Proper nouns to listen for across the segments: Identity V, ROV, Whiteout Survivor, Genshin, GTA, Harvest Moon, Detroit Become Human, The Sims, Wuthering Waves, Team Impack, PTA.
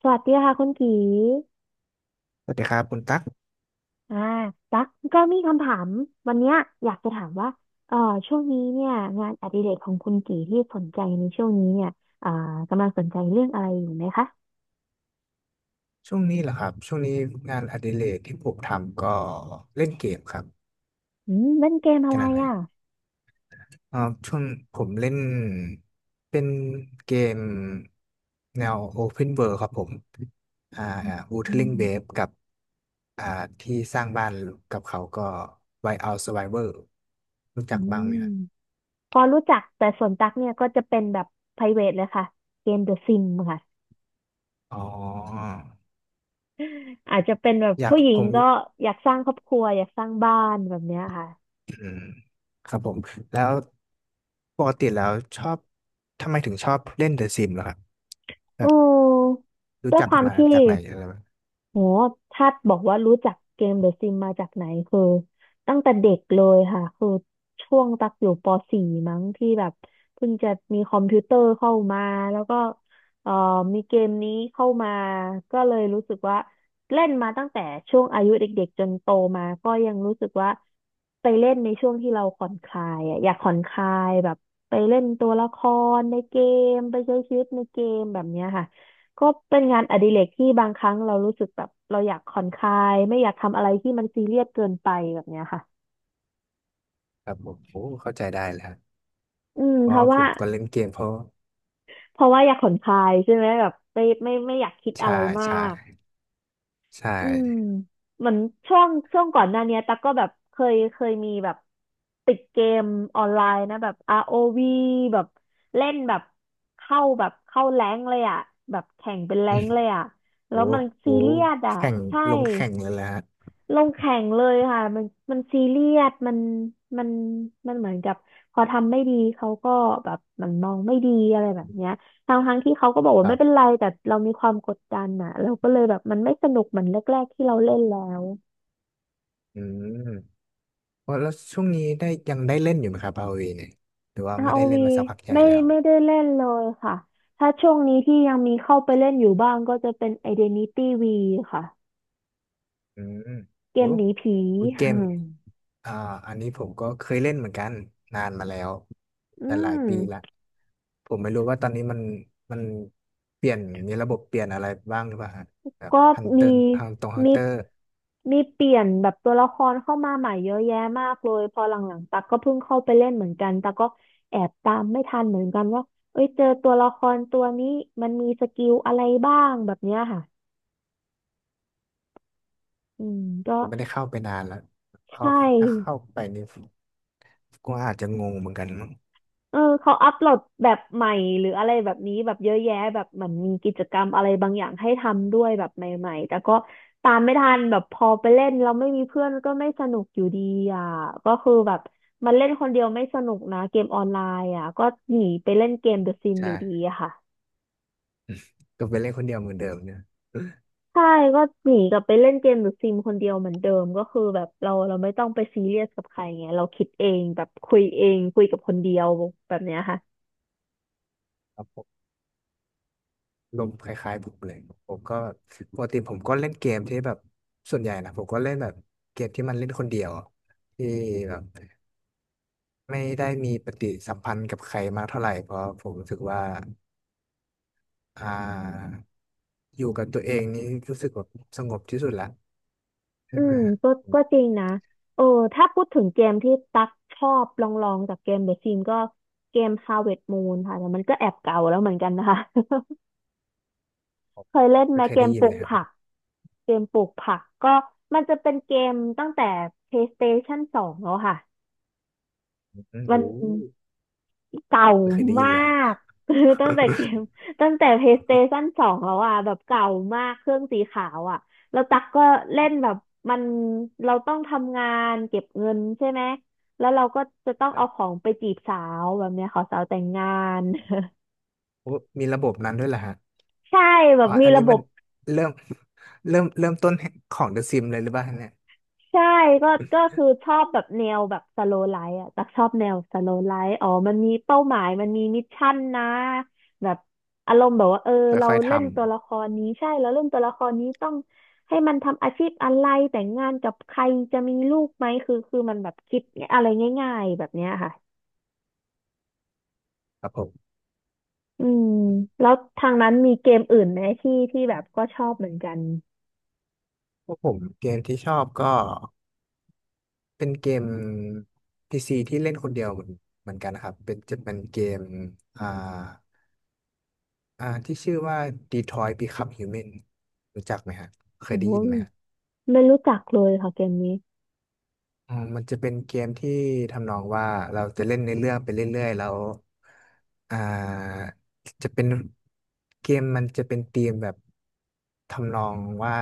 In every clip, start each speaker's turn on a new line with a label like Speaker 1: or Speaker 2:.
Speaker 1: สวัสดีค่ะคุณกี
Speaker 2: สวัสดีครับคุณตั๊ก
Speaker 1: อ่าตักก็มีคำถาม วันเนี้ยอยากจะถามว่าเอ่อช่วงนี้เนี่ยงานอดิเรกของคุณกีที่สนใจในช่วงนี้เนี่ยอ่ากำลังสนใจเรื่องอะไรอยู่ไหมคะ
Speaker 2: ช่วงนี้เหรอครับช่วงนี้งานอดิเรกที่ผมทำก็เล่นเกมครับ
Speaker 1: อืมเล่นเกมอะ
Speaker 2: ข
Speaker 1: ไร
Speaker 2: นาดไหน
Speaker 1: อ่ะ
Speaker 2: เอ่อช่วงผมเล่นเป็นเกมแนว Open World ครับผมอ่า
Speaker 1: อื
Speaker 2: Wuthering
Speaker 1: ม
Speaker 2: Waves กับอ่าที่สร้างบ้านกับเขาก็ Whiteout Survivor รู้
Speaker 1: อื
Speaker 2: จักบ้างไหมครั
Speaker 1: ม
Speaker 2: บ
Speaker 1: พอรู้จักแต่ส่วนตักเนี่ยก็จะเป็นแบบ private เลยค่ะเกม The Sim ค่ะ
Speaker 2: อ๋อ
Speaker 1: อาจจะเป็นแบบ
Speaker 2: อยาก
Speaker 1: ผู้ห
Speaker 2: ผ
Speaker 1: ญิง
Speaker 2: ม
Speaker 1: ก็อยากสร้างครอบครัวอยากสร้างบ้านแบบเนี้ยค่ะ
Speaker 2: อืมครับผมแล้วปกติแล้วชอบทำไมถึงชอบเล่นเดอะซิมเหรอครับ แบ
Speaker 1: อื
Speaker 2: บ
Speaker 1: ม
Speaker 2: รู้
Speaker 1: ด้วย
Speaker 2: จั
Speaker 1: ค
Speaker 2: ก
Speaker 1: วาม
Speaker 2: มา
Speaker 1: ที่
Speaker 2: จากไหนอะไรแบบ
Speaker 1: โหถ้าบอกว่ารู้จักเกมเดอะซิมมาจากไหนคือตั้งแต่เด็กเลยค่ะคือช่วงตักอยู่ป .4 มั้งที่แบบเพิ่งจะมีคอมพิวเตอร์เข้ามาแล้วก็เอ่อมีเกมนี้เข้ามาก็เลยรู้สึกว่าเล่นมาตั้งแต่ช่วงอายุเด็กๆจนโตมาก็ยังรู้สึกว่าไปเล่นในช่วงที่เราผ่อนคลายอะอยากผ่อนคลายแบบไปเล่นตัวละครในเกมไปใช้ชีวิตในเกมแบบเนี้ยค่ะ ก็เป็นงานอดิเรกที่บางครั้งเรารู้สึกแบบเราอยากผ่อนคลายไม่อยากทำอะไรที่มันซีเรียสเกินไปแบบเนี้ยค่ะ
Speaker 2: ครับผมโอ้เข้าใจได้แล้ว
Speaker 1: อืม
Speaker 2: เพ
Speaker 1: เพ
Speaker 2: ราะ
Speaker 1: ราะ
Speaker 2: ผ
Speaker 1: ว่า
Speaker 2: มก็เล่นเกมเพราะ
Speaker 1: เพราะว่าอยากผ่อนคลายใช่ไหมแบบไม่อยากคิดอะ
Speaker 2: ใช่
Speaker 1: ไรมา
Speaker 2: ใช่
Speaker 1: ก
Speaker 2: ใช่
Speaker 1: อืมเหมือนช่วงก่อนหน้าเนี้ยตั๊กก็แบบเคยมีแบบติดเกมออนไลน์นะแบบ ROV แบบเล่นแบบเข้าแรงค์เลยอ่ะแบบแข่งเป็นแร
Speaker 2: อื
Speaker 1: ง
Speaker 2: ม
Speaker 1: ค์เลยอ่ะแล้
Speaker 2: โอ้
Speaker 1: วมัน
Speaker 2: โห
Speaker 1: ซีเรียสอ่ะ
Speaker 2: แข่ง
Speaker 1: ใช่
Speaker 2: ลงแข่งเลยแหละฮะ
Speaker 1: ลงแข่งเลยค่ะมันซีเรียสมันมันเหมือนกับพอทำไม่ดีเขาก็แบบเหมันมองไม่ดีอะไรแบ
Speaker 2: อื
Speaker 1: บเนี้ย
Speaker 2: ม
Speaker 1: ทางทั้งที่เขาก็บอก
Speaker 2: ค
Speaker 1: ว่า
Speaker 2: รั
Speaker 1: ไม่เป็น
Speaker 2: บ
Speaker 1: ไรแต่เรามีความกดดันอ่ะเราก็เลยแบบมันไม่สนุกเหมือนแรกๆที่เราเล่นแล้ว
Speaker 2: อืมว่าแล้วช่วงนี้ได้ยังได้เล่นอยู่ไหมครับพาเวเนี่ยหรือว่า
Speaker 1: r
Speaker 2: ไม่ได้เล่น
Speaker 1: วี
Speaker 2: มาสักพักใหญ่
Speaker 1: ไม่
Speaker 2: แล้ว
Speaker 1: ไม่ได้เล่นเลยค่ะถ้าช่วงนี้ที่ยังมีเข้าไปเล่นอยู่บ้างก็จะเป็น Identity V ค่ะ
Speaker 2: อืม
Speaker 1: เก
Speaker 2: โอ้
Speaker 1: มหนีผี
Speaker 2: วูด เกมอ่าอันนี้ผมก็เคยเล่นเหมือนกันนานมาแล้ว
Speaker 1: อื
Speaker 2: แต่หลายปีละ
Speaker 1: ม
Speaker 2: ผมไม่รู้ว่าตอนนี้มันมันเปลี่ยน มีระบบเปลี่ยนอะไรบ้างหรือเปล่าฮะแบบ
Speaker 1: ก็
Speaker 2: ฮันเต
Speaker 1: มี
Speaker 2: อร์ทางตรงฮัน
Speaker 1: มี
Speaker 2: เตอร์
Speaker 1: มีเปลี่ยนแบบตัวละครเข้ามาใหม่เยอะแยะมากเลยพอหลังๆตักก็เพิ่งเข้าไปเล่นเหมือนกันตักก็แอบตามไม่ทันเหมือนกันว่าเอ้ยเจอตัวละครตัวนี้มันมีสกิลอะไรบ้างแบบเนี้ยค่ะอืม
Speaker 2: ผ
Speaker 1: ก็
Speaker 2: มก็ไม่ได้เข้าไปนานแล้วเข้า
Speaker 1: ใช่
Speaker 2: ถ้าเข้าไปนี่ก็อาจจะงงเหมือนกันมั้ง
Speaker 1: เออเขาอัปโหลดแบบใหม่หรืออะไรแบบนี้แบบเยอะแยะแบบเหมือนมีกิจกรรมอะไรบางอย่างให้ทำด้วยแบบใหม่ๆแต่ก็ตามไม่ทันแบบพอไปเล่นเราไม่มีเพื่อนก็ไม่สนุกอยู่ดีอ่ะก็คือแบบมันเล่นคนเดียวไม่สนุกนะเกมออนไลน์อ่ะก็หนีไปเล่นเกมเดอะซิม
Speaker 2: ใช่
Speaker 1: อยู่ดีอะค่ะ
Speaker 2: ก็ไปเล่นคนเดียวเหมือนเดิมเนี่ย
Speaker 1: ใช่ก็หนีกลับไปเล่นเกมหรือซิมคนเดียวเหมือนเดิมก็คือแบบเราไม่ต้องไปซีเรียสกับใครไงเราคิดเองแบบคุยเองคุยกับคนเดียวแบบเนี้ยค่ะ
Speaker 2: ครับผม ลมณ์คล้ายๆผมเลยผมก็ปกติผมก็เล่นเกมที่แบบส่วนใหญ่นะผมก็เล่นแบบเกมที่มันเล่นคนเดียวที่แบบไม่ได้มีปฏิสัมพันธ์กับใครมากเท่าไหร่เพราะผมรู้สึกว่าอ่าอยู่กับตัวเองนี่รู้สึกแบบสงบที่สุดละใช่
Speaker 1: อื
Speaker 2: ไหม
Speaker 1: ม
Speaker 2: ฮะ
Speaker 1: ก็
Speaker 2: ผ
Speaker 1: ก็
Speaker 2: ม
Speaker 1: จริงนะเออถ้าพูดถึงเกมที่ตักชอบลองจากเกมเดอะซิมก็เกม Harvest Moon ค่ะแต่มันก็แอบเก่าแล้วเหมือนกันนะคะ
Speaker 2: ผม
Speaker 1: เคยเล่นไหม
Speaker 2: ไม่เคย
Speaker 1: เก
Speaker 2: ได้
Speaker 1: ม
Speaker 2: ยิ
Speaker 1: ป
Speaker 2: น
Speaker 1: ลู
Speaker 2: เล
Speaker 1: ก
Speaker 2: ยครับ
Speaker 1: ผักเกมปลูกผักก็มันจะเป็นเกมตั้งแต่ PlayStation 2แล้วค่ะ
Speaker 2: อืม
Speaker 1: มัน
Speaker 2: โอ้
Speaker 1: เก่า
Speaker 2: ไม่เคยได้ยิ
Speaker 1: มา
Speaker 2: นเลยฮะ
Speaker 1: ก คือตั้งแต่เกมตั้งแต่ PlayStation 2แล้วอ่ะแบบเก่ามากเครื่องสีขาวอ่ะแล้วตั๊กก็เล่นแบบมันเราต้องทำงานเก็บเงินใช่ไหมแล้วเราก็จะต้องเอาของไปจีบสาวแบบเนี้ยขอสาวแต่งงาน
Speaker 2: โอ้มีระบบนั้นด้วยเหรอฮะ
Speaker 1: ใช่แบ
Speaker 2: อ๋
Speaker 1: บ
Speaker 2: อ
Speaker 1: มี
Speaker 2: อัน
Speaker 1: ระ
Speaker 2: นี้
Speaker 1: บ
Speaker 2: มัน
Speaker 1: บ
Speaker 2: เริ่มเริ่มต้นของ The Sims เลยหรือเปล่าเนี่ย
Speaker 1: ใช่ก็ก็คือชอบแบบแนวแบบสโลไลฟ์อ่ะตักชอบแนวสโลไลฟ์อ๋อมันมีเป้าหมายมันมีมิชชั่นนะแบบอารมณ์แบบว่าเออเรา
Speaker 2: ค่อยๆท
Speaker 1: เล่นตัวละครนี้ใช่เราเล่นตัวละครนี้ต้องให้มันทำอาชีพอะไรแต่งงานกับใครจะมีลูกไหมคือมันแบบคิดอะไรง่ายๆแบบเนี้ยค่ะ
Speaker 2: ำครับผม
Speaker 1: อืมแล้วทางนั้นมีเกมอื่นไหมที่แบบก็ชอบเหมือนกัน
Speaker 2: พวกผมเกมที่ชอบก็เป็นเกม PC ที่เล่นคนเดียวเหมือนเหมือนกันนะครับเป็นจะเป็นเกมอ่าอ่าที่ชื่อว่า Detroit Become Human รู้จักไหมฮะเคย
Speaker 1: โอ้
Speaker 2: ได้
Speaker 1: โห
Speaker 2: ยินไหม
Speaker 1: ไม่รู้จักเลยค่ะเกมนี้
Speaker 2: อ๋อมันจะเป็นเกมที่ทำนองว่าเราจะเล่นในเรื่องไปเรื่อยๆแล้วอ่าจะเป็นเกมมันจะเป็นธีมแบบทำนองว่า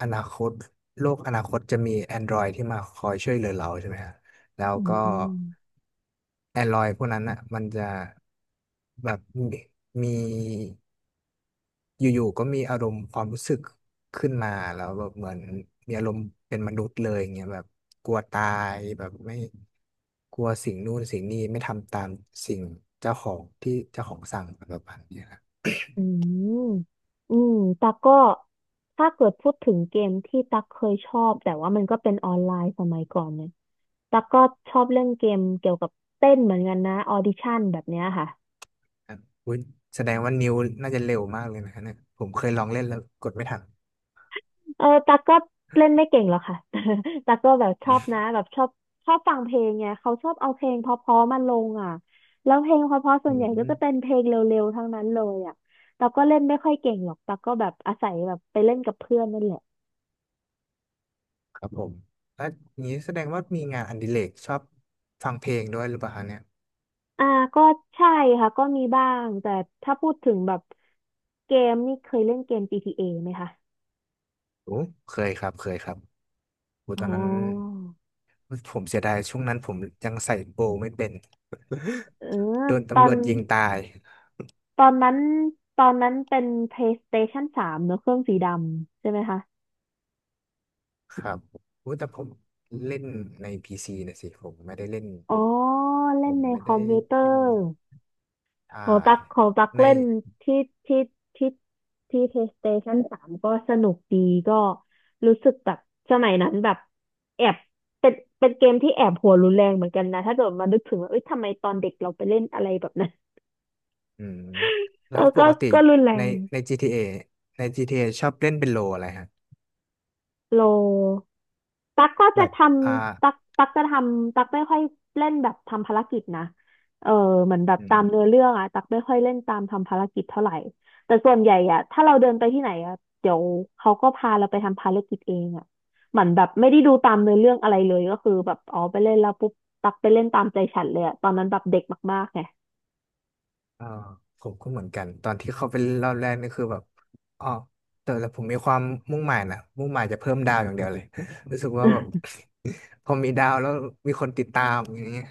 Speaker 2: อนาคตโลกอนาคตจะมี Android ที่มาคอยช่วยเหลือเราใช่ไหมฮะแล้ว
Speaker 1: อื
Speaker 2: ก็
Speaker 1: ม
Speaker 2: Android พวกนั้นอ่ะมันจะแบบมี อยู่ๆก็มีอารมณ์ความรู้สึกขึ้นมาแล้วแบบเหมือนมีอารมณ์เป็นมนุษย์เลยอย่างเงี้ยแบบกลัวตายแบบไม่กลัวสิ่งนู่นสิ่งนี้ไม่ทำตามสิ่งเจ้าของที่เจ้าของสั่งอะไรประมาณเนี้ยนะ
Speaker 1: อืมอืมตักก็ถ้าเกิดพูดถึงเกมที่ตักเคยชอบแต่ว่ามันก็เป็นออนไลน์สมัยก่อนเนี่ยตักก็ชอบเล่นเกมเกี่ยวกับเต้นเหมือนกันนะออดิชั่นแบบเนี้ยค่ะ
Speaker 2: ครับอุ๊ยแสดงว่านิ้วน่าจะเร็วมากเลยนะเนี่ยผมเคยลองเล่นแล้วกดไม่ทัน
Speaker 1: เออตักก็เล่นไม่เก่งหรอกค่ะ ตักก็แบบชอบนะแบบชอบฟังเพลงไงเขาชอบเอาเพลงเพราะๆมาลงอ่ะแล้วเพลงเพราะๆส่ว
Speaker 2: อื
Speaker 1: นใหญ่ก็จะเป็น
Speaker 2: ม
Speaker 1: เพลงเร็วๆทั้งนั้นเลยอ่ะตักก็เล่นไม่ค่อยเก่งหรอกตักก็แบบอาศัยแบบไปเล่นกับเพื่อนนั่นแหละ
Speaker 2: ครับผมแล้วอย่างนี้แสดงว่ามีงานอดิเรกชอบฟังเพลงด้วยหรือเปล่าคะเนี่ย
Speaker 1: อ่าก็ใช่ค่ะก็มีบ้างแต่ถ้าพูดถึงแบบเกมนี่เคยเล่นเกม PTA ไหมคะ
Speaker 2: โอ้เคยครับเคยครับโอ้
Speaker 1: อ๋
Speaker 2: ตอนนั้น
Speaker 1: อ
Speaker 2: ผมเสียดายช่วงนั้นผมยังใส่โบว์ไม่เป็น
Speaker 1: เออ
Speaker 2: โดน
Speaker 1: ตอ
Speaker 2: ตำร
Speaker 1: น
Speaker 2: วจยิงตาย
Speaker 1: ตอนนั้นตอนนั้นเป็น PlayStation 3เนอะเครื่องสีดำใช่ไหมคะ
Speaker 2: ครับโอ้แต่ผมเล่นในพีซีนะสิผมไม่ได้เล่น
Speaker 1: อ๋อ
Speaker 2: ผ
Speaker 1: เล่น
Speaker 2: ม
Speaker 1: ใน
Speaker 2: ไม่
Speaker 1: คอ
Speaker 2: ได้
Speaker 1: มพิวเตอ
Speaker 2: เล่น
Speaker 1: ร์
Speaker 2: อ่า
Speaker 1: ของตักของตัก
Speaker 2: ใน
Speaker 1: เล่นที่ที่ที่ที่ PlayStation 3ก็สนุกดีก็รู้สึกแบบสมัยนั้นแบบแอบเป็นเป็นเกมที่แอบหัวรุนแรงเหมือนกันนะถ้าเกิดมานึกถึงว่าเอ้ยทำไมตอนเด็กเราไปเล่นอะไรแบบนั้น
Speaker 2: อืม
Speaker 1: เอ
Speaker 2: แล้ว
Speaker 1: อ
Speaker 2: ป
Speaker 1: ก็
Speaker 2: กติ
Speaker 1: ก็รุนแร
Speaker 2: ใน
Speaker 1: ง
Speaker 2: GTA ในจีทีเอชอบเล่นเป็นโลอะไรฮะ
Speaker 1: โล ตักก็
Speaker 2: แบ
Speaker 1: จะ
Speaker 2: บ
Speaker 1: ท
Speaker 2: อ่า
Speaker 1: ำตักตักจะทำตักไม่ค่อยเล่นแบบทำภารกิจนะเออเหมือนแบบ
Speaker 2: อื
Speaker 1: ตา
Speaker 2: ม
Speaker 1: มเนื้อเรื่องอะตักไม่ค่อยเล่นตามทำภารกิจเท่าไหร่แต่ส่วนใหญ่อะถ้าเราเดินไปที่ไหนอะเดี๋ยวเขาก็พาเราไปทำภารกิจเองอะเหมือนแบบไม่ได้ดูตามเนื้อเรื่องอะไรเลยก็คือแบบอ๋อไปเล่นแล้วปุ๊บตักไปเล่นตามใจฉันเลยอะตอนนั้นแบบเด็กมากๆไง
Speaker 2: อ่าผมก็เหมือนกันตอนที่เข้าไปเล่นรอบแรกนี่คือแบบอ๋อแต่แต่ผมมีความมุ่งหมายนะมุ่งหมายจะเพิ่มดาวอย่างเดียวเลย รู้สึกว่าแบบ พอมีดาวแล้วมีคนติดตามอย่างเงี้ย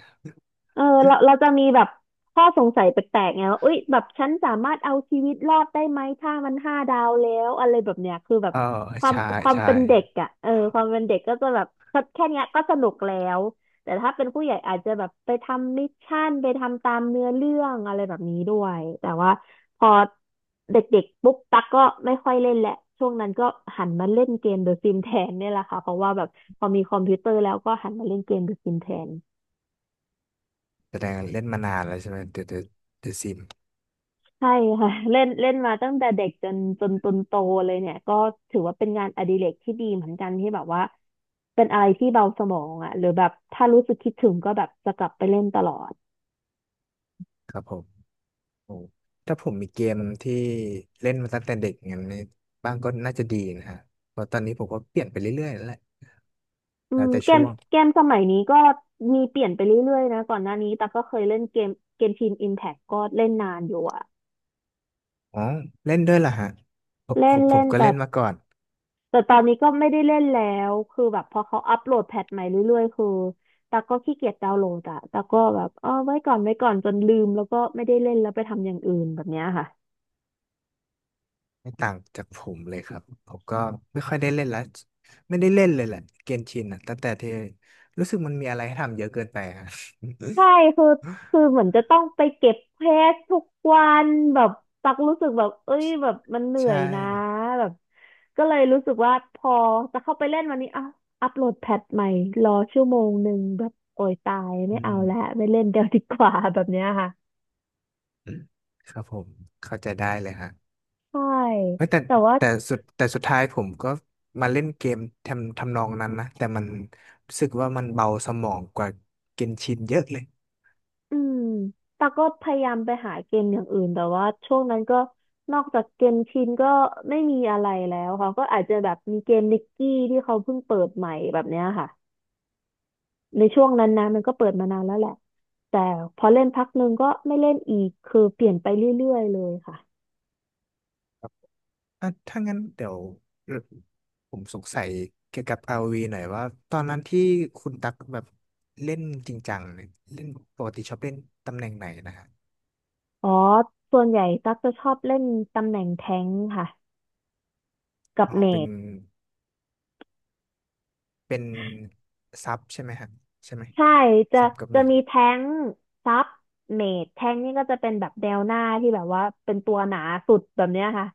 Speaker 1: เออเราเราจะมีแบบข้อสงสัยแปลกๆไงว่าเอ้ยแบบฉันสามารถเอาชีวิตรอดได้ไหมถ้ามันห้าดาวแล้วอะไรแบบเนี้ยคือแบบ
Speaker 2: เออ
Speaker 1: ความ
Speaker 2: ใช่
Speaker 1: ความ
Speaker 2: ใช่
Speaker 1: เป็นเด็กอ่ะเออความเป็นเด็กก็จะแบบแค่เนี้ยก็สนุกแล้วแต่ถ้าเป็นผู้ใหญ่อาจจะแบบไปทำมิชชั่นไปทำตามเนื้อเรื่องอะไรแบบนี้ด้วยแต่ว่าพอเด็กๆปุ๊บตักก็ไม่ค่อยเล่นแหละช่วงนั้นก็หันมาเล่นเกมเดอะซิมแทนเนี่ยแหละค่ะเพราะว่าแบบพอมีคอมพิวเตอร์แล้วก็หันมาเล่นเกมเดอะซิมแทน
Speaker 2: แสดงเล่นมานานแล้วใช่ไหมเดอะซิม
Speaker 1: ใช่ค่ะ เล่นเล่นมาตั้งแต่เด็กจนจนจนโตเลยเนี่ยก็ถือว่าเป็นงานอดิเรกที่ดีเหมือนกันที่แบบว่าเป็นอะไรที่เบาสมองอ่ะหรือแบบถ้ารู้สึกคิดถึงก็แบบจะกลับไปเล่นตลอด
Speaker 2: ครับผมโอ้ถ้าผมมีเกมที่เล่นมาตั้งแต่เด็กอย่างนี้บ้างก็น่าจะดีนะฮะเพราะตอนนี้ผมก็เปลี่ยนไปเรื่อยๆแล้วแหละ
Speaker 1: อื
Speaker 2: แล้ว
Speaker 1: ม
Speaker 2: แต่
Speaker 1: เก
Speaker 2: ช่
Speaker 1: ม
Speaker 2: วง
Speaker 1: เกมสมัยนี้ก็มีเปลี่ยนไปเรื่อยๆนะก่อนหน้านี้แต่ก็เคยเล่นเกมเกมทีมอิมแพคก็เล่นนานอยู่อ่ะ
Speaker 2: อ๋อเล่นด้วยเหรอฮะผมผ
Speaker 1: เล่น
Speaker 2: มผ
Speaker 1: เล่
Speaker 2: ม
Speaker 1: น
Speaker 2: ก็
Speaker 1: แต่
Speaker 2: เล่นมาก่อน
Speaker 1: แต่ตอนนี้ก็ไม่ได้เล่นแล้วคือแบบพอเขาอัปโหลดแพทใหม่เรื่อยๆคือตาก็ขี้เกียจดาวน์โหลดอะตากก็แบบเออไว้ก่อนไว้ก่อนจนลืมแล้วก็ไม่ได้เล่นแล้วไปทำอย่างอื่นแบบเนี้ยค่ะ
Speaker 2: ไม่ต่างจากผมเลยครับผมก็ไม่ค่อยได้เล่นแล้วไม่ได้เล่นเลยแหละเกนชินอ่ะตั้งแต่ที่รู้สึกมันมีอะไรให้ทำเยอะเกินไปฮะ
Speaker 1: ใช่คือคือเหมือนจะต้องไปเก็บเพจทุกวันแบบตักรู้สึกแบบเอ้ยแบบมันเห นื่อ
Speaker 2: ใช่
Speaker 1: ยนะแบบก็เลยรู้สึกว่าพอจะเข้าไปเล่นวันนี้อ่ะอัปโหลดแพทใหม่รอชั่วโมงหนึ่งแบบโอยตายไม่
Speaker 2: อื
Speaker 1: เอา
Speaker 2: ม
Speaker 1: แล้วไม่เล่น เดี๋ยวดีกว่าแบบเนี้ยค่ะ
Speaker 2: อืมครับผมเข้าใจได้เลยฮะ
Speaker 1: ใช่
Speaker 2: เฮ้ยแต่
Speaker 1: แต่ว่า
Speaker 2: แต่สุดท้ายผมก็มาเล่นเกมทำนองนั้นนะแต่มันรู้สึกว่ามันเบาสมองกว่าเกนชินเยอะเลย
Speaker 1: อืมแต่ก็พยายามไปหาเกมอย่างอื่นแต่ว่าช่วงนั้นก็นอกจากเกมชินก็ไม่มีอะไรแล้วค่ะก็อาจจะแบบมีเกมนิกกี้ที่เขาเพิ่งเปิดใหม่แบบเนี้ยค่ะในช่วงนั้นนะมันก็เปิดมานานแล้วแหละแต่พอเล่นพักหนึ่งก็ไม่เล่นอีกคือเปลี่ยนไปเรื่อยๆเลยค่ะ
Speaker 2: ครับอ่ะถ้างั้นเดี๋ยวผมสงสัยเกี่ยวกับ ROV หน่อยว่าตอนนั้นที่คุณตักแบบเล่นจริงจังเนี่ยเล่นปกติชอบเล่นตำแหน่งไหนนะฮะ
Speaker 1: อ๋อส่วนใหญ่ตั๊กจะชอบเล่นตำแหน่งแทงค์ค่ะกับ
Speaker 2: อ๋อ
Speaker 1: เม
Speaker 2: เป็น
Speaker 1: จ
Speaker 2: เป็นซับใช่ไหมฮะใช่ไหม
Speaker 1: ใช่จะ
Speaker 2: ซับกับ
Speaker 1: จะ
Speaker 2: เมจ
Speaker 1: มีแท้งซับเมดแท้งนี่ก็จะเป็นแบบแนวหน้าที่แบบว่าเป็นตัวหนาสุดแบบเนี้ยค่ะ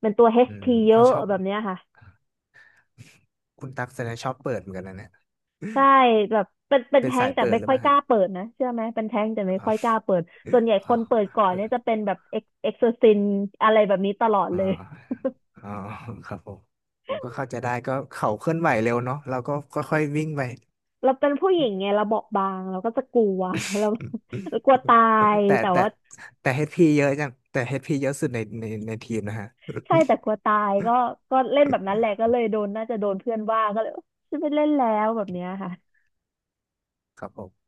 Speaker 1: เป็นตัว
Speaker 2: อืม
Speaker 1: HP เย
Speaker 2: เอา
Speaker 1: อะ
Speaker 2: ชอบ
Speaker 1: แบบเนี้ยค่ะ
Speaker 2: คุณตั๊กแสดงชอบเปิดเหมือนกันนะเนี่ย
Speaker 1: ใช่แบบเป็นเป็น
Speaker 2: เป็น
Speaker 1: แท้
Speaker 2: สา
Speaker 1: ง
Speaker 2: ย
Speaker 1: แต่
Speaker 2: เปิด
Speaker 1: ไม่
Speaker 2: หรือ
Speaker 1: ค่อ
Speaker 2: เป
Speaker 1: ย
Speaker 2: ล่า
Speaker 1: ก
Speaker 2: ฮะ
Speaker 1: ล้าเปิดนะเชื่อไหมเป็นแท้งแต่ไม่
Speaker 2: อ๋
Speaker 1: ค่อยก
Speaker 2: อ
Speaker 1: ล้าเปิดส่วนใหญ่ค
Speaker 2: อ๋อ
Speaker 1: นเปิดก่อน
Speaker 2: เอ
Speaker 1: เนี่ย
Speaker 2: อ
Speaker 1: จะเป็นแบบเอ็กเอ็กซ์ซินอะไรแบบนี้ตลอด
Speaker 2: อ๋
Speaker 1: เลย
Speaker 2: ออ๋อครับผมผมก็เข้าใจได้ก็เขาเคลื่อนไหวเร็วเนาะเราก็ค่อยๆวิ่งไป
Speaker 1: เราเป็นผู้หญิงไงเราเบาะบางเราก็จะกลัว เราเรากลัวตาย
Speaker 2: แต่
Speaker 1: แต่
Speaker 2: แต่
Speaker 1: ว่า
Speaker 2: แต่เฮดพีเยอะจังแต่เฮดพีเยอะสุดในในทีมนะฮะ
Speaker 1: ใช่แต่กลัวตายก็ก็เล่นแบบนั้นแหละก็เลยโดนน่าจะโดนเพื่อนว่าก็เลยฉันไม่เล่นแล้วแบบเนี้ยค่ะ
Speaker 2: ครับผม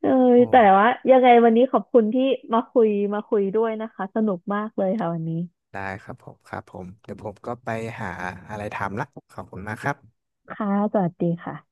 Speaker 1: เออ
Speaker 2: โอ้
Speaker 1: แต่ว่ายังไงวันนี้ขอบคุณที่มาคุยมาคุยด้วยนะคะสนุกมากเลยค่ะวันนี้
Speaker 2: ได้ครับผมครับผมเดี๋ยวผมก็ไปหาอะไรทำละขอบคุณมากครับ
Speaker 1: ค่ะสวัสดีค่ะ